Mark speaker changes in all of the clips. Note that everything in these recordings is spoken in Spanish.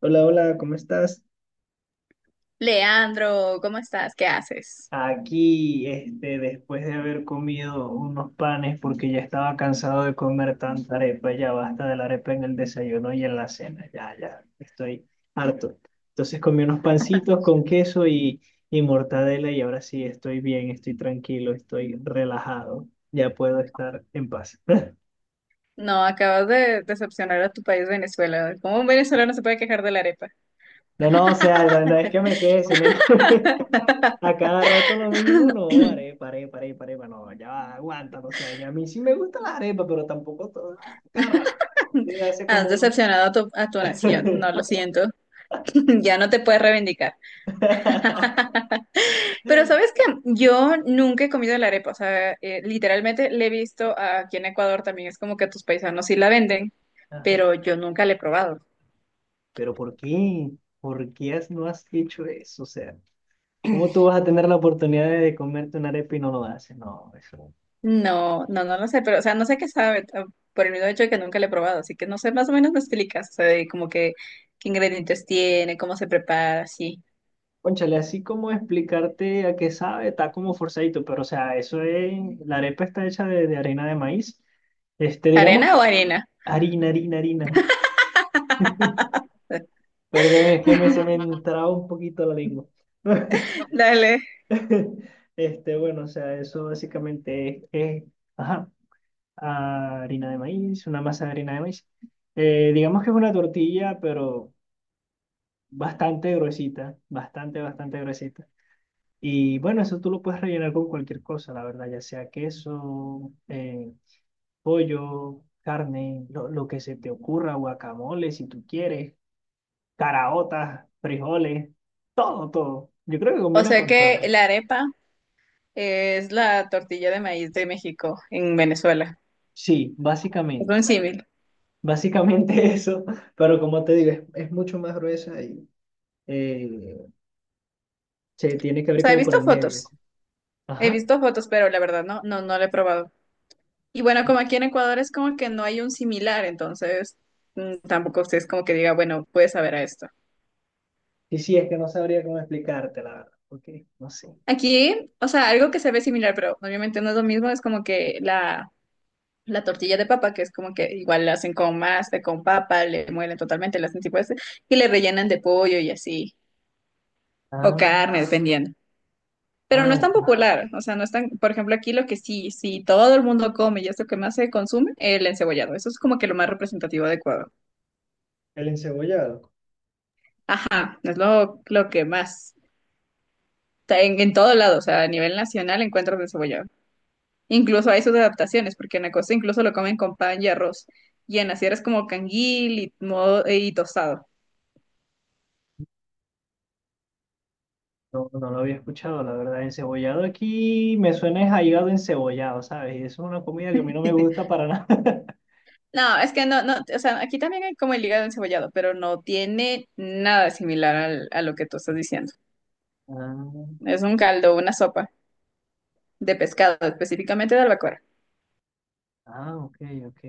Speaker 1: Hola, hola, ¿cómo estás?
Speaker 2: Leandro, ¿cómo estás? ¿Qué haces?
Speaker 1: Aquí, después de haber comido unos panes, porque ya estaba cansado de comer tanta arepa, ya basta de la arepa en el desayuno y en la cena, ya, ya, estoy harto. Entonces comí unos pancitos con queso y mortadela y ahora sí estoy bien, estoy tranquilo, estoy relajado, ya puedo estar en paz.
Speaker 2: No, acabas de decepcionar a tu país, Venezuela. ¿Cómo un venezolano se puede quejar de la arepa?
Speaker 1: No, no, o sea, no es que me quede, sino es que a cada rato lo mismo, no, arepa, arepa, arepa, arepa, no, ya va, aguanta, o sea, ya a mí sí me gusta la arepa, pero tampoco a cada rato. Hace
Speaker 2: Has
Speaker 1: como un...
Speaker 2: decepcionado a tu nación. No, lo siento. Ya no te puedes reivindicar. Pero sabes que yo nunca he comido la arepa. O sea, literalmente le he visto aquí en Ecuador también. Es como que tus paisanos sí la venden,
Speaker 1: Ajá.
Speaker 2: pero yo nunca la he probado.
Speaker 1: Pero ¿por qué? ¿Por qué no has hecho eso? O sea, ¿cómo tú vas a tener la oportunidad de comerte una arepa y no lo haces? No, eso.
Speaker 2: No, no, no lo sé, pero, o sea, no sé qué sabe, por el mismo hecho de que nunca lo he probado, así que no sé, más o menos me explicas, o sea, de como que qué ingredientes tiene, cómo se prepara, sí.
Speaker 1: Cónchale, así como explicarte a qué sabe, está como forzadito, pero o sea, eso es, la arepa está hecha de harina de maíz. Digamos
Speaker 2: ¿Arena o
Speaker 1: que
Speaker 2: harina?
Speaker 1: harina, harina. Perdón, es que se me entraba un poquito la lengua.
Speaker 2: Dale.
Speaker 1: Bueno, o sea, eso básicamente es, ajá, harina de maíz, una masa de harina de maíz. Digamos que es una tortilla, pero bastante gruesita, bastante, bastante gruesita. Y bueno, eso tú lo puedes rellenar con cualquier cosa, la verdad, ya sea queso, pollo, carne, lo que se te ocurra, guacamole, si tú quieres. Caraotas, frijoles, todo, todo. Yo creo que
Speaker 2: O
Speaker 1: combina
Speaker 2: sea
Speaker 1: con todo.
Speaker 2: que la arepa es la tortilla de maíz de México en Venezuela.
Speaker 1: Sí,
Speaker 2: Es
Speaker 1: básicamente.
Speaker 2: un símil.
Speaker 1: Básicamente eso, pero como te digo, es mucho más gruesa y eh, se tiene que
Speaker 2: O
Speaker 1: abrir
Speaker 2: sea, he
Speaker 1: como por
Speaker 2: visto
Speaker 1: el medio.
Speaker 2: fotos,
Speaker 1: Así.
Speaker 2: he
Speaker 1: Ajá.
Speaker 2: visto fotos, pero la verdad no, no, no lo he probado. Y bueno, como aquí en Ecuador es como que no hay un similar, entonces tampoco usted es como que diga, bueno, puede saber a esto.
Speaker 1: Y sí, es que no sabría cómo explicarte, la verdad. Ok, no sé.
Speaker 2: Aquí, o sea, algo que se ve similar, pero obviamente no es lo mismo, es como que la tortilla de papa, que es como que igual la hacen con masa, con papa, le muelen totalmente, la hacen tipo ese, y le rellenan de pollo y así, o
Speaker 1: Ah,
Speaker 2: carne, dependiendo. Pero no
Speaker 1: ah,
Speaker 2: es tan
Speaker 1: ok.
Speaker 2: popular, o sea, no es tan, por ejemplo, aquí lo que sí, sí todo el mundo come y es lo que más se consume, el encebollado. Eso es como que lo más representativo de Ecuador.
Speaker 1: El encebollado.
Speaker 2: Ajá, es lo que más, está en todo lado, o sea, a nivel nacional encuentro el encebollado. Incluso hay sus adaptaciones, porque en la costa incluso lo comen con pan y arroz. Y en la sierra es como canguil y, modo, y tostado.
Speaker 1: No, no lo había escuchado, la verdad. Encebollado aquí me suena es a hígado encebollado, ¿sabes? Y eso es una comida que a mí no me gusta para nada.
Speaker 2: No, es que no, no, o sea, aquí también hay como el hígado encebollado, pero no tiene nada similar a lo que tú estás diciendo.
Speaker 1: Ah,
Speaker 2: Es un caldo, una sopa de pescado, específicamente de albacora.
Speaker 1: ah, ok, ok.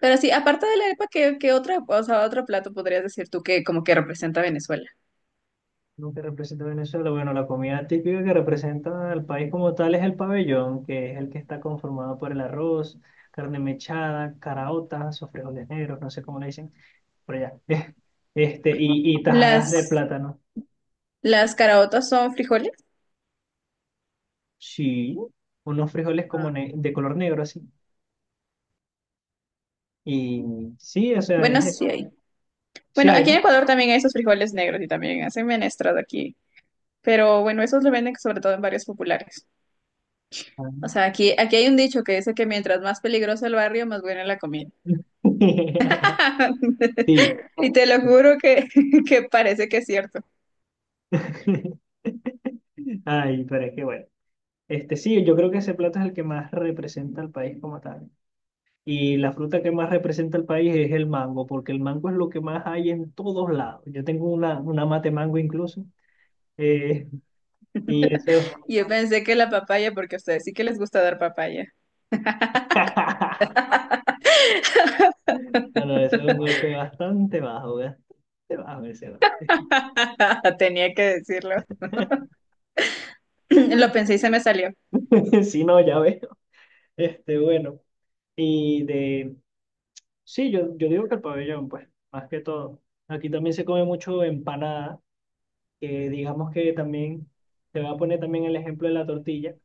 Speaker 2: Pero sí, aparte de la arepa, ¿qué, qué otra, o sea, otro plato podrías decir tú que como que representa a Venezuela?
Speaker 1: Lo que representa Venezuela, bueno, la comida típica que representa al país como tal es el pabellón, que es el que está conformado por el arroz, carne mechada, caraotas o frijoles negros, no sé cómo le dicen, por allá. Y tajadas
Speaker 2: Las,
Speaker 1: de plátano.
Speaker 2: las caraotas son frijoles.
Speaker 1: Sí, unos frijoles como
Speaker 2: Ah.
Speaker 1: de color negro así. Y sí, o sea, es
Speaker 2: Bueno,
Speaker 1: eso.
Speaker 2: sí, hay.
Speaker 1: Sí
Speaker 2: Bueno,
Speaker 1: hay,
Speaker 2: aquí en
Speaker 1: ¿no?
Speaker 2: Ecuador también hay esos frijoles negros y también hacen menestras aquí. Pero bueno, esos lo venden sobre todo en barrios populares.
Speaker 1: Ah.
Speaker 2: O sea, aquí, aquí hay un dicho que dice que mientras más peligroso el barrio, más buena la comida.
Speaker 1: Sí.
Speaker 2: Y te lo juro que, que parece que es cierto.
Speaker 1: Ay, pero es que bueno. Sí, yo creo que ese plato es el que más representa al país como tal. Y la fruta que más representa el país es el mango, porque el mango es lo que más hay en todos lados. Yo tengo una mate mango incluso. eh, y eso,
Speaker 2: Y yo pensé que la papaya, porque a ustedes sí que les gusta dar papaya.
Speaker 1: no, no, eso es un golpe bastante bajo ese golpe.
Speaker 2: Tenía que decirlo. Lo pensé y se me salió.
Speaker 1: Si no, ya veo. Bueno, y de, sí, yo digo que el pabellón, pues, más que todo. Aquí también se come mucho empanada, que digamos que también, te voy a poner también el ejemplo de la tortilla.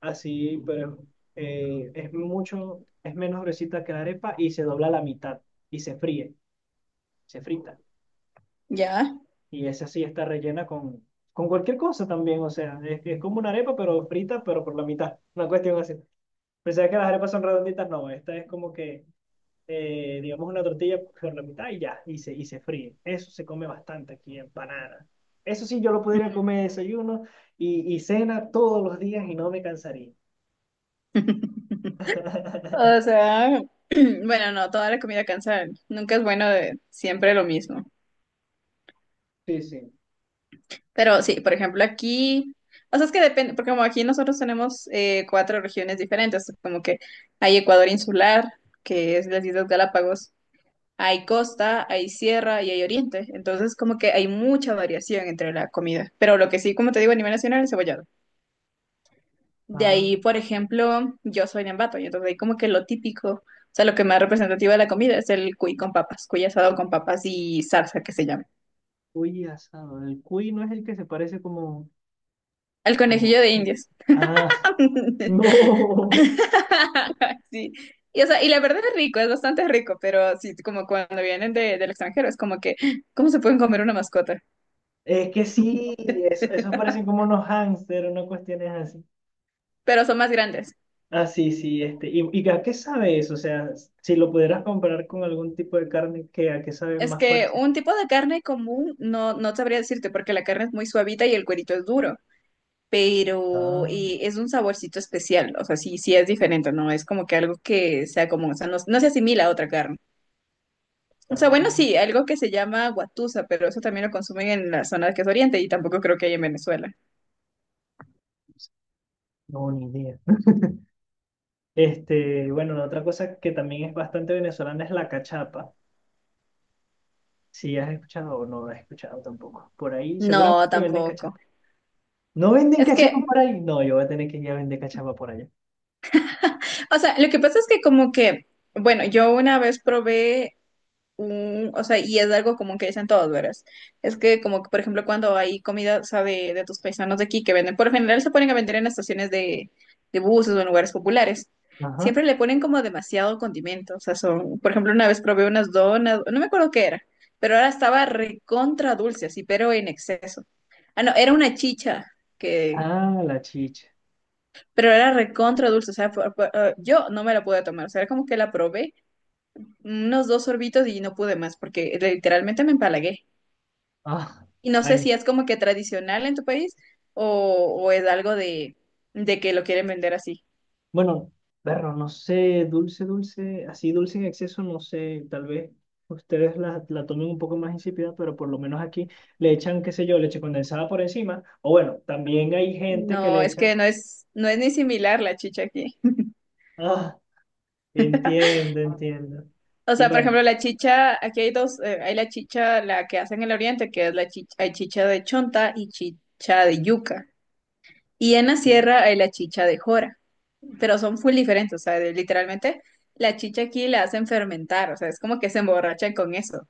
Speaker 1: Así, pero es mucho, es menos gruesita que la arepa y se dobla a la mitad y se fríe, se frita.
Speaker 2: ¿Ya?
Speaker 1: Y esa sí está rellena con cualquier cosa también, o sea, es como una arepa, pero frita, pero por la mitad, una cuestión así. Pensaba que las arepas son redonditas, no, esta es como que, digamos, una tortilla por la mitad y ya, y se fríe. Eso se come bastante aquí, empanada. Eso sí, yo lo podría comer de desayuno y cena todos los días y no me cansaría.
Speaker 2: O sea, bueno, no, toda la comida cansa. Nunca es bueno de siempre lo mismo.
Speaker 1: Sí, sí.
Speaker 2: Pero sí, por ejemplo, aquí, o sea, es que depende, porque como aquí nosotros tenemos cuatro regiones diferentes, como que hay Ecuador insular, que es las Islas Galápagos, hay costa, hay sierra y hay oriente, entonces como que hay mucha variación entre la comida, pero lo que sí, como te digo, a nivel nacional es cebollado. De ahí,
Speaker 1: Ah.
Speaker 2: por ejemplo, yo soy de Ambato, y entonces ahí como que lo típico, o sea, lo que más representativo de la comida es el cuy con papas, cuy asado con papas y salsa que se llama.
Speaker 1: Cuy asado. El cuy no es el que se parece como,
Speaker 2: El conejillo
Speaker 1: como...
Speaker 2: de Indias.
Speaker 1: Ah, no.
Speaker 2: Sí. Y, o sea, y la verdad es rico, es bastante rico, pero sí, como cuando vienen de, del extranjero, es como que, ¿cómo se pueden comer una mascota?
Speaker 1: Es que sí, eso, esos parecen como unos hámster, una cuestión es así.
Speaker 2: Pero son más grandes.
Speaker 1: Ah, sí, sí, este. Y a qué sabe eso? O sea, si lo pudieras comparar con algún tipo de carne, ¿qué, a qué sabe
Speaker 2: Es
Speaker 1: más
Speaker 2: que
Speaker 1: parecido?
Speaker 2: un tipo de carne común no, no sabría decirte porque la carne es muy suavita y el cuerito es duro, pero
Speaker 1: Ah,
Speaker 2: es un saborcito especial, o sea, sí, sí es diferente, no es como que algo que sea común, o sea, no, no se asimila a otra carne. O
Speaker 1: ah,
Speaker 2: sea, bueno, sí, algo que se llama guatusa, pero eso también lo consumen en la zona que es Oriente y tampoco creo que hay en Venezuela.
Speaker 1: no, ni idea. Bueno, la otra cosa que también es bastante venezolana es la cachapa. Si has escuchado o no has escuchado tampoco. Por ahí
Speaker 2: No,
Speaker 1: seguramente venden
Speaker 2: tampoco.
Speaker 1: cachapa. ¿No venden
Speaker 2: Es
Speaker 1: cachapa
Speaker 2: que,
Speaker 1: por ahí? No, yo voy a tener que ir a vender cachapa por allá.
Speaker 2: o sea, lo que pasa es que como que, bueno, yo una vez probé un, o sea, y es algo como que dicen todos, ¿verdad? Es que como que, por ejemplo, cuando hay comida, o sea, de tus paisanos de aquí que venden, por lo general se ponen a vender en estaciones de buses o en lugares populares.
Speaker 1: Ajá.
Speaker 2: Siempre le ponen como demasiado condimento, o sea, son, por ejemplo, una vez probé unas donas, no me acuerdo qué era, pero ahora estaba recontra dulce, así, pero en exceso. Ah, no, era una chicha que,
Speaker 1: Ah, la chicha.
Speaker 2: pero era recontra dulce, o sea, yo no me la pude tomar, o sea, era como que la probé unos dos sorbitos y no pude más, porque literalmente me empalagué.
Speaker 1: Ah,
Speaker 2: Y no sé
Speaker 1: ay.
Speaker 2: si es como que tradicional en tu país o, o es algo de, que lo quieren vender así.
Speaker 1: Bueno, perro, no sé, dulce, dulce, así dulce en exceso, no sé, tal vez ustedes la tomen un poco más insípida, pero por lo menos aquí le echan, qué sé yo, leche condensada por encima. O bueno, también hay gente que
Speaker 2: No,
Speaker 1: le
Speaker 2: es
Speaker 1: echa.
Speaker 2: que no es, no es ni similar la chicha aquí.
Speaker 1: Ah, entiendo, entiendo.
Speaker 2: O
Speaker 1: Y
Speaker 2: sea, por
Speaker 1: bueno,
Speaker 2: ejemplo, la chicha, aquí hay dos, hay la chicha, la que hacen en el oriente, que es la chicha, hay chicha de chonta y chicha de yuca. Y en la
Speaker 1: ok.
Speaker 2: sierra hay la chicha de jora, pero son full diferentes, o sea, de- literalmente la chicha aquí la hacen fermentar, o sea, es como que se emborrachan con eso.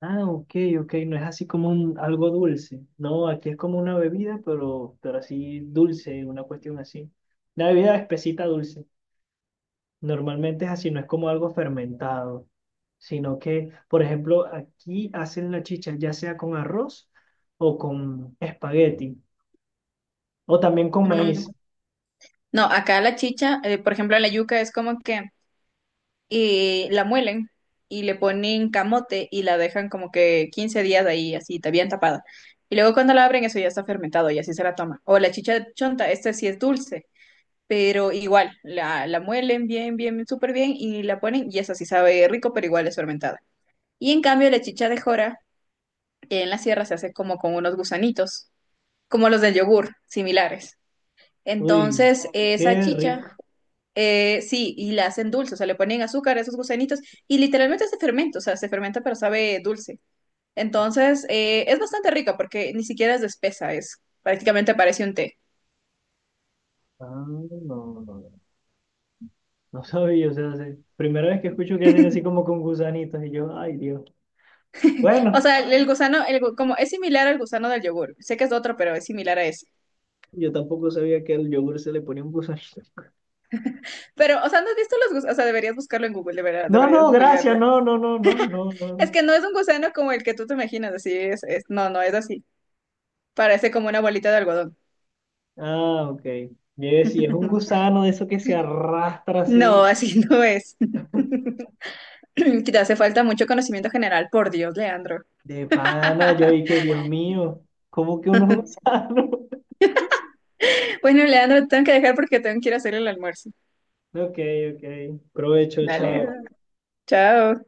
Speaker 1: Ah, ok, ok, no es así como un, algo dulce. No, aquí es como una bebida, pero así dulce, una cuestión así. Una bebida espesita dulce. Normalmente es así, no es como algo fermentado, sino que, por ejemplo, aquí hacen la chicha ya sea con arroz o con espagueti, o también con
Speaker 2: Mm,
Speaker 1: maíz.
Speaker 2: No, acá la chicha, por ejemplo, la yuca es como que la muelen y le ponen camote y la dejan como que 15 días ahí, así, ta- bien tapada. Y luego cuando la abren, eso ya está fermentado y así se la toma. O la chicha de chonta, esta sí es dulce, pero igual, la muelen bien, bien, súper bien y la ponen y esa sí sabe rico, pero igual es fermentada. Y en cambio, la chicha de jora en la sierra se hace como con unos gusanitos, como los del yogur, similares.
Speaker 1: Uy,
Speaker 2: Entonces, esa
Speaker 1: qué
Speaker 2: chicha,
Speaker 1: rico.
Speaker 2: sí, y la hacen dulce, o sea, le ponen azúcar a esos gusanitos y literalmente se fermenta, o sea, se fermenta pero sabe dulce. Entonces, es bastante rica porque ni siquiera es de espesa, es prácticamente parece un té.
Speaker 1: Ah, no, no, no, no sabía, o sea, primera vez que escucho que hacen así como con gusanitos y yo, ay Dios.
Speaker 2: O
Speaker 1: Bueno.
Speaker 2: sea, el gusano, el gu- como es similar al gusano del yogur, sé que es otro, pero es similar a ese.
Speaker 1: Yo tampoco sabía que al yogur se le ponía un gusanito.
Speaker 2: Pero, o sea, ¿no has visto los gusanos? O sea, deberías buscarlo en Google, de verdad,
Speaker 1: No,
Speaker 2: deberías
Speaker 1: no, gracias,
Speaker 2: googlearlo.
Speaker 1: no, no, no, no, no,
Speaker 2: Es
Speaker 1: no.
Speaker 2: que no es un gusano como el que tú te imaginas, así es, No, no es así. Parece como una bolita de algodón.
Speaker 1: Ah, ok. Yo decía, es un gusano de eso que se arrastra
Speaker 2: No,
Speaker 1: así
Speaker 2: así no es. Te hace falta mucho conocimiento general, por Dios, Leandro.
Speaker 1: de pana. Yo y que Dios mío, ¿cómo que unos gusanos?
Speaker 2: Bueno, Leandro, te tengo que dejar porque tengo que ir a hacer el almuerzo.
Speaker 1: Ok, ok. Provecho, chao.
Speaker 2: Dale, chao.